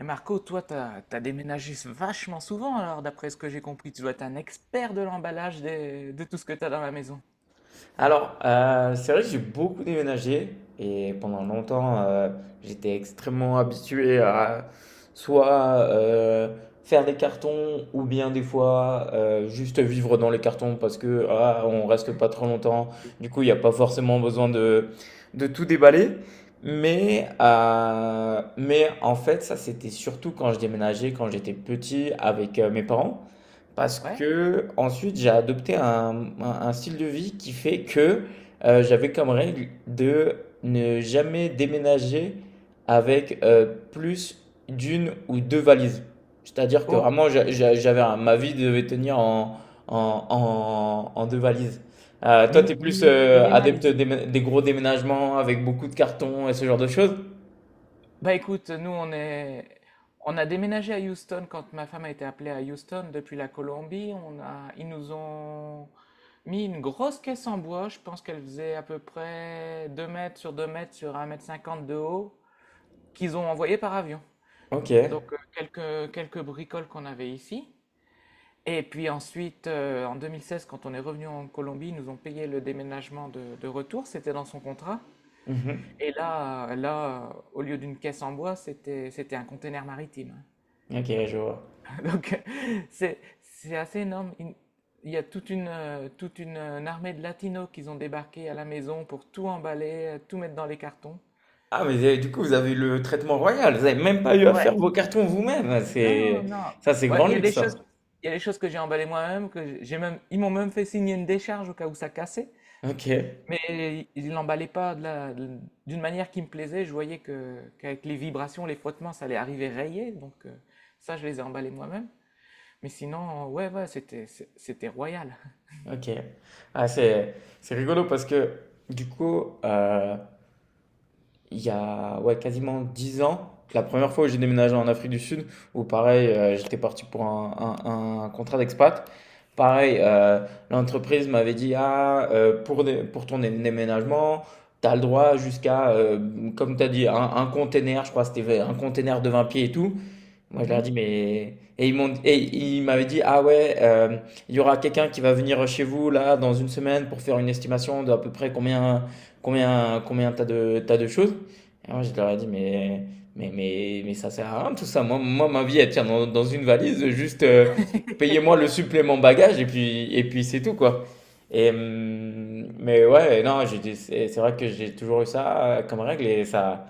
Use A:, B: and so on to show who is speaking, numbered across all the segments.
A: Et Marco, toi, t'as déménagé vachement souvent, alors d'après ce que j'ai compris, tu dois être un expert de l'emballage de tout ce que t'as dans la maison.
B: Alors, c'est vrai que j'ai beaucoup déménagé et pendant longtemps, j'étais extrêmement habitué à soit euh, faire des cartons ou bien des fois juste vivre dans les cartons parce que ah, on reste pas trop longtemps.
A: Oui.
B: Du coup, il n'y a pas forcément besoin de tout déballer. Mais en fait, ça c'était surtout quand je déménageais, quand j'étais petit avec mes parents. Parce
A: Ouais?
B: que ensuite j'ai adopté un style de vie qui fait que j'avais comme règle de ne jamais déménager avec plus d'une ou deux valises. C'est-à-dire que
A: Oh,
B: vraiment j'avais ma vie devait tenir en, en deux valises. Toi, t'es plus adepte
A: minimaliste.
B: des gros déménagements avec beaucoup de cartons et ce genre de choses?
A: Bah écoute, on a déménagé à Houston quand ma femme a été appelée à Houston depuis la Colombie. On a, ils nous ont mis une grosse caisse en bois. Je pense qu'elle faisait à peu près 2 mètres sur un mètre cinquante de haut, qu'ils ont envoyé par avion.
B: Ok.
A: Donc quelques bricoles qu'on avait ici. Et puis ensuite, en 2016, quand on est revenu en Colombie, ils nous ont payé le déménagement de retour, c'était dans son contrat.
B: Mhm.
A: Et là, au lieu d'une caisse en bois, c'était un conteneur maritime.
B: Ok, je vois.
A: Donc, c'est assez énorme. Il y a toute une armée de latinos qui ont débarqué à la maison pour tout emballer, tout mettre dans les cartons.
B: Ah, mais eh, du coup, vous avez eu le traitement royal. Vous avez même pas eu à
A: Ouais,
B: faire vos cartons vous-même. Ah,
A: non,
B: C'est
A: non.
B: ça, c'est
A: Ouais,
B: grand luxe, ça.
A: il y a des choses que j'ai emballées moi-même, que j'ai même, ils m'ont même fait signer une décharge au cas où ça cassait.
B: OK,
A: Mais il l'emballait pas d'une manière qui me plaisait. Je voyais que qu'avec les vibrations, les frottements, ça allait arriver rayé. Donc ça, je les ai emballés moi-même. Mais sinon, ouais, ouais, c'était royal.
B: OK. Ah, c'est rigolo parce que du coup, il y a ouais, quasiment 10 ans, la première fois où j'ai déménagé en Afrique du Sud, où pareil, j'étais parti pour un contrat d'expat. Pareil, l'entreprise m'avait dit, ah, pour ton déménagement, tu as le droit jusqu'à, comme tu as dit, un container, je crois que c'était un container de 20 pieds et tout. Moi, je leur ai
A: Mhm.
B: dit, mais. Et ils m'ont, et ils m'avaient dit, ah ouais, il y aura quelqu'un qui va venir chez vous, là, dans une semaine, pour faire une estimation d'à peu près combien, combien t'as de choses. Et moi, je leur ai dit, mais ça sert à rien, tout ça. Moi, moi ma vie, elle tient dans une valise, juste payez-moi le supplément bagage, et puis c'est tout, quoi. Et, mais ouais, non, c'est vrai que j'ai toujours eu ça comme règle, et ça.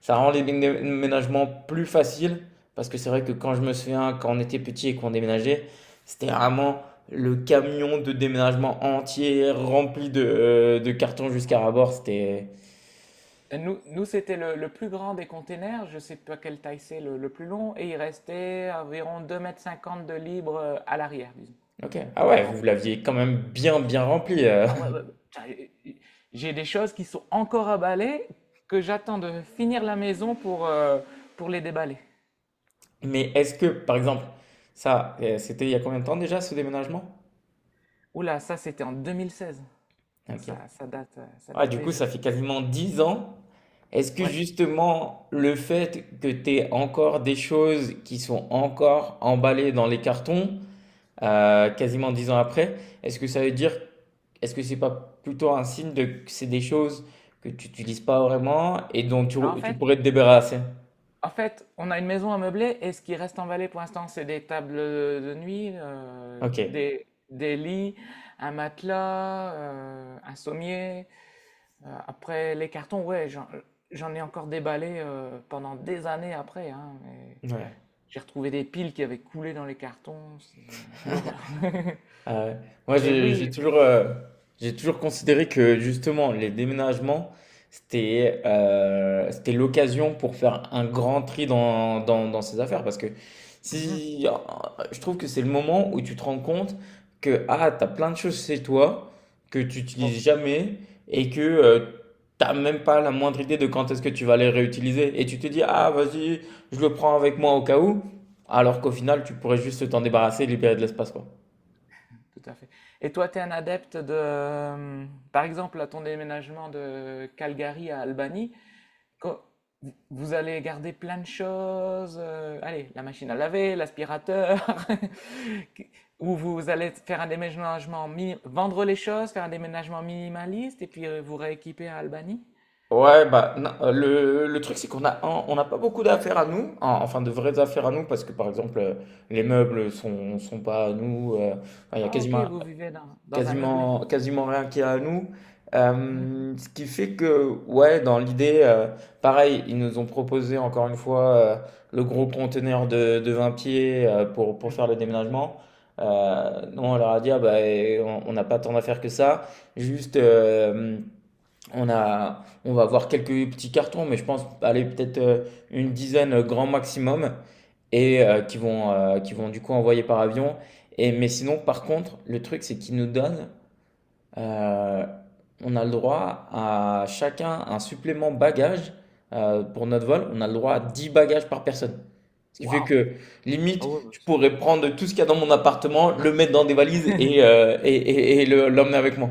B: Ça rend les déménagements plus faciles parce que c'est vrai que quand je me souviens, quand on était petit et qu'on déménageait, c'était vraiment le camion de déménagement entier rempli de cartons jusqu'à rabord. C'était.
A: Et nous c'était le plus grand des containers. Je sais pas quelle taille c'est le plus long. Et il restait environ deux mètres cinquante de libre à l'arrière, disons.
B: Ok.
A: Donc ils
B: Ah
A: l'ont
B: ouais, vous l'aviez quand même bien, bien rempli.
A: Ah ouais, ouais, ouais. Putain, j'ai des choses qui sont encore à balayer que j'attends de finir la maison pour les déballer.
B: Mais est-ce que, par exemple, ça, c'était il y a combien de temps déjà ce déménagement?
A: Oula, ça c'était en 2016. Donc ça,
B: Ok.
A: ça
B: Ah,
A: date
B: du coup, ça
A: déjà.
B: fait quasiment 10 ans. Est-ce que
A: Ouais.
B: justement le fait que tu aies encore des choses qui sont encore emballées dans les cartons, quasiment 10 ans après, est-ce que ça veut dire, est-ce que c'est pas plutôt un signe de que c'est des choses que tu n'utilises pas vraiment et dont tu,
A: Alors,
B: tu pourrais te débarrasser?
A: en fait, on a une maison à meubler et ce qui reste en Valais pour l'instant, c'est des tables de nuit,
B: Ok.
A: des lits, un matelas, un sommier. Après, les cartons, ouais, j'en ai encore déballé pendant des années après, hein, mais
B: Ouais.
A: j'ai retrouvé des piles qui avaient coulé dans les cartons. L'horreur.
B: Ah ouais. Moi,
A: Mais
B: j'ai
A: oui,
B: j'ai toujours,
A: effectivement.
B: j'ai toujours considéré que justement, les déménagements, c'était c'était l'occasion pour faire un grand tri dans ses affaires. Parce que
A: Mhm.
B: si, je trouve que c'est le moment où tu te rends compte que ah, tu as plein de choses chez toi que tu
A: Bon,
B: n'utilises jamais et que tu n'as même pas la moindre idée de quand est-ce que tu vas les réutiliser. Et tu te dis, ah, vas-y, je le prends avec moi au cas où. Alors qu'au final, tu pourrais juste t'en débarrasser et libérer de l'espace, quoi.
A: tout à fait. Et toi, tu es un adepte de, par exemple, à ton déménagement de Calgary à Albany, co- vous- allez garder plein de choses. Euh, allez, la machine à laver, l'aspirateur, ou vous allez faire un déménagement, vendre les choses, faire un déménagement minimaliste et puis vous rééquiper à Albany.
B: Ouais, bah, non, le truc, c'est qu'on on n'a pas beaucoup d'affaires à nous, enfin de vraies affaires à nous, parce que par exemple, les meubles sont pas à nous, enfin, il y a
A: Ah, ok, vous vivez dans, dans un meublé.
B: quasiment rien qui est à nous.
A: Mhm.
B: Ce qui fait que, ouais, dans l'idée, pareil, ils nous ont proposé encore une fois le gros conteneur de 20 pieds pour faire le déménagement. Nous, on leur a dit, ah, bah, eh, on n'a pas tant d'affaires que ça, juste. On va avoir quelques petits cartons, mais je pense aller peut-être une dizaine grand maximum et qui vont du coup envoyer par avion. Et, mais sinon, par contre, le truc, c'est qu'ils nous donnent, euh, on a le droit à chacun un supplément bagage pour notre vol. On a le droit à 10 bagages par personne. Ce qui fait
A: Waouh!
B: que,
A: Ah
B: limite,
A: ouais, bah,
B: je
A: ça.
B: pourrais prendre tout ce qu'il y a dans mon appartement, le mettre dans des valises et l'emmener avec moi.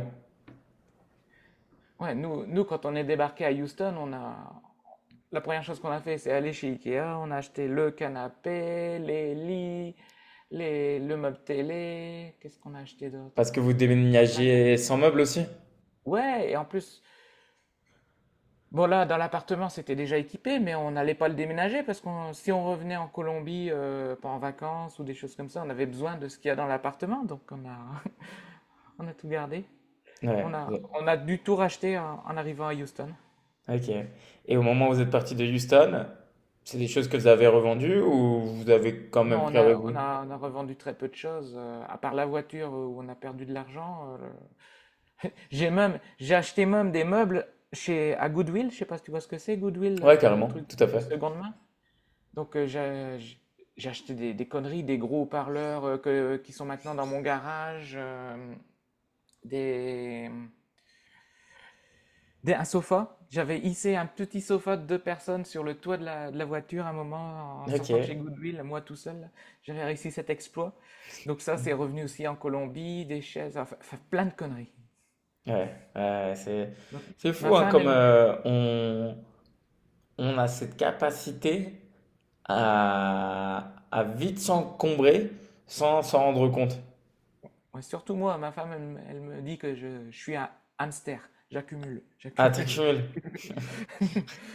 A: Ouais, nous, nous, quand on est débarqué à Houston, on a... la première chose qu'on a fait, c'est aller chez Ikea. On a acheté le canapé, les lits, les... le meuble télé. Qu'est-ce qu'on a acheté d'autre?
B: Parce que vous
A: Pas plein.
B: déménagez sans meubles aussi?
A: Ouais, et en plus, bon là, dans l'appartement, c'était déjà équipé, mais on n'allait pas le déménager parce que si on revenait en Colombie, pas en vacances ou des choses comme ça, on avait besoin de ce qu'il y a dans l'appartement. Donc on a, on a tout gardé.
B: Ouais, ouais.
A: On a dû tout racheter en en arrivant à Houston.
B: Ok. Et au moment où vous êtes parti de Houston, c'est des choses que vous avez revendues ou vous avez quand même
A: Non,
B: pris avec vous?
A: on a revendu très peu de choses, à part la voiture où on a perdu de l'argent. J'ai même, j'ai acheté même des meubles chez, à Goodwill, je sais pas si tu vois ce que c'est, Goodwill,
B: Ouais,
A: le
B: carrément,
A: truc
B: tout à
A: de
B: fait.
A: seconde main. Donc j'ai acheté des conneries, des gros haut-parleurs qui sont maintenant dans mon garage, des, un sofa. J'avais hissé un petit sofa de deux personnes sur le toit de de la voiture un moment en
B: Ok,
A: sortant de chez
B: ouais,
A: Goodwill, moi tout seul. Là. J'avais réussi cet exploit. Donc ça, c'est revenu aussi en Colombie, des chaises, enfin, plein de conneries.
B: ouais, c'est
A: Donc,
B: c'est
A: ma
B: fou hein,
A: femme,
B: comme
A: elle me,
B: on a cette capacité à vite s'encombrer sans s'en rendre compte.
A: ouais, surtout moi, ma femme, elle me dit que je suis un hamster. J'accumule,
B: Ah,
A: j'accumule.
B: t'accumules.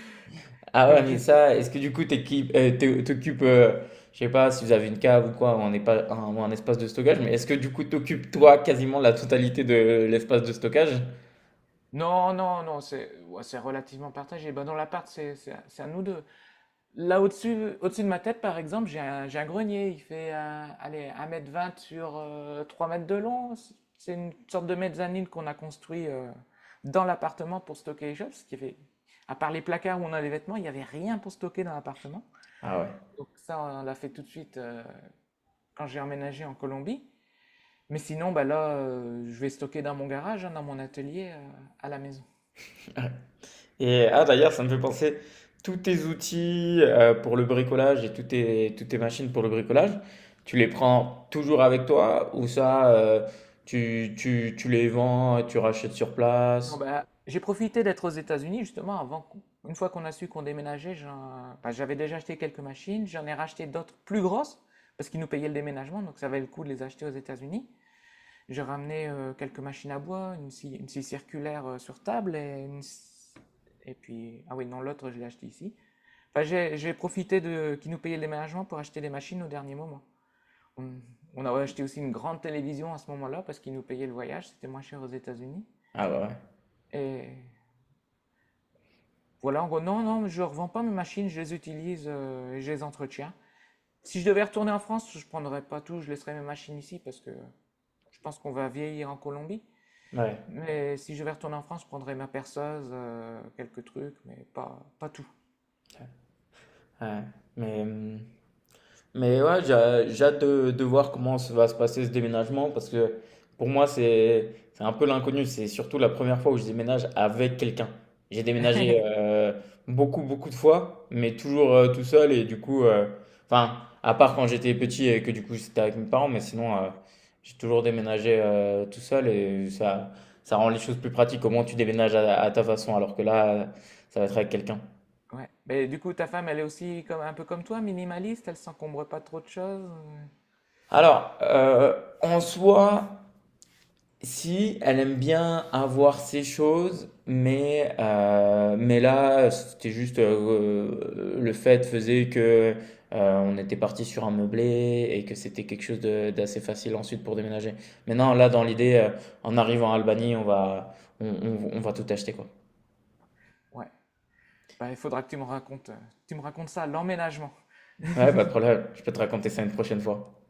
B: Ah ouais,
A: Donc je...
B: mais
A: suis-
B: ça, est-ce que du coup, t'occupes, je sais pas si vous avez une cave ou quoi, ou ou un espace de stockage, mais est-ce que du coup, t'occupes toi quasiment la totalité de l'espace de stockage?
A: Non, non, non, c'est ouais, c'est relativement partagé. Ben, dans l'appart, c'est à nous deux. Là au-dessus, au-dessus de ma tête, par exemple, j'ai un grenier. Il fait allez, un mètre vingt sur 3 m de long. C'est une sorte de mezzanine qu'on a construit dans l'appartement pour stocker les choses. Ce qui fait, à part les placards où on a les vêtements, il n'y avait rien pour stocker dans l'appartement.
B: Ah ouais.
A: Donc ça, on l'a fait tout de suite quand j'ai emménagé en Colombie. Mais sinon, bah là, je vais stocker dans mon garage, hein, dans mon atelier à la maison.
B: Et ah d'ailleurs, ça me fait penser, tous tes outils pour le bricolage et toutes tes machines pour le bricolage, tu les prends toujours avec toi ou ça, tu les vends, tu rachètes sur
A: Non,
B: place?
A: bah, j'ai profité d'être aux États-Unis justement avant, une fois qu'on a su qu'on déménageait, j'avais déjà acheté quelques machines, j'en ai racheté d'autres plus grosses parce qu'ils nous payaient le déménagement, donc ça valait le coup de les acheter aux États-Unis. J'ai ramené quelques machines à bois, une scie circulaire sur table et puis, ah oui, non, l'autre je l'ai acheté ici. Enfin, j'ai profité de qu'ils nous payaient le déménagement pour acheter des machines au dernier moment. On, on a acheté aussi une grande télévision à ce moment-là parce qu'ils nous payaient le voyage, c'était moins cher aux États-Unis.
B: Ah ouais.
A: Et Voilà, en gros, non, non, je ne revends pas mes machines, je les utilise et je les entretiens. Si je devais retourner en France, je ne prendrais pas tout, je laisserais mes machines ici parce que je pense qu'on va vieillir en Colombie.
B: Ouais.
A: Mais si je vais retourner en France, je prendrais ma perceuse, quelques trucs, mais pas, pas tout.
B: Ouais. Ouais. Mais, ouais, j'ai hâte de voir comment va se passer ce déménagement parce que pour moi, c'est un peu l'inconnu. C'est surtout la première fois où je déménage avec quelqu'un. J'ai déménagé beaucoup, beaucoup de fois, mais toujours tout seul. Et du coup, enfin, à part quand j'étais petit et que du coup c'était avec mes parents, mais sinon, j'ai toujours déménagé tout seul et ça rend les choses plus pratiques. Au moins, tu déménages à ta façon alors que là, ça va être avec quelqu'un.
A: Ouais. Mais du coup, ta femme, elle est aussi comme, un peu comme toi, minimaliste, elle s'encombre pas de trop de choses. Euh,
B: Alors, en soi. Si, elle aime bien avoir ses choses, mais là, c'était juste le fait faisait que on était parti sur un meublé et que c'était quelque chose d'assez facile ensuite pour déménager. Mais non, là, dans l'idée, en arrivant en Albanie, on va tout acheter, quoi.
A: ouais. Bah, il faudra que tu me racontes ça, l'emménagement.
B: Ouais, pas de problème, je peux te raconter ça une prochaine fois.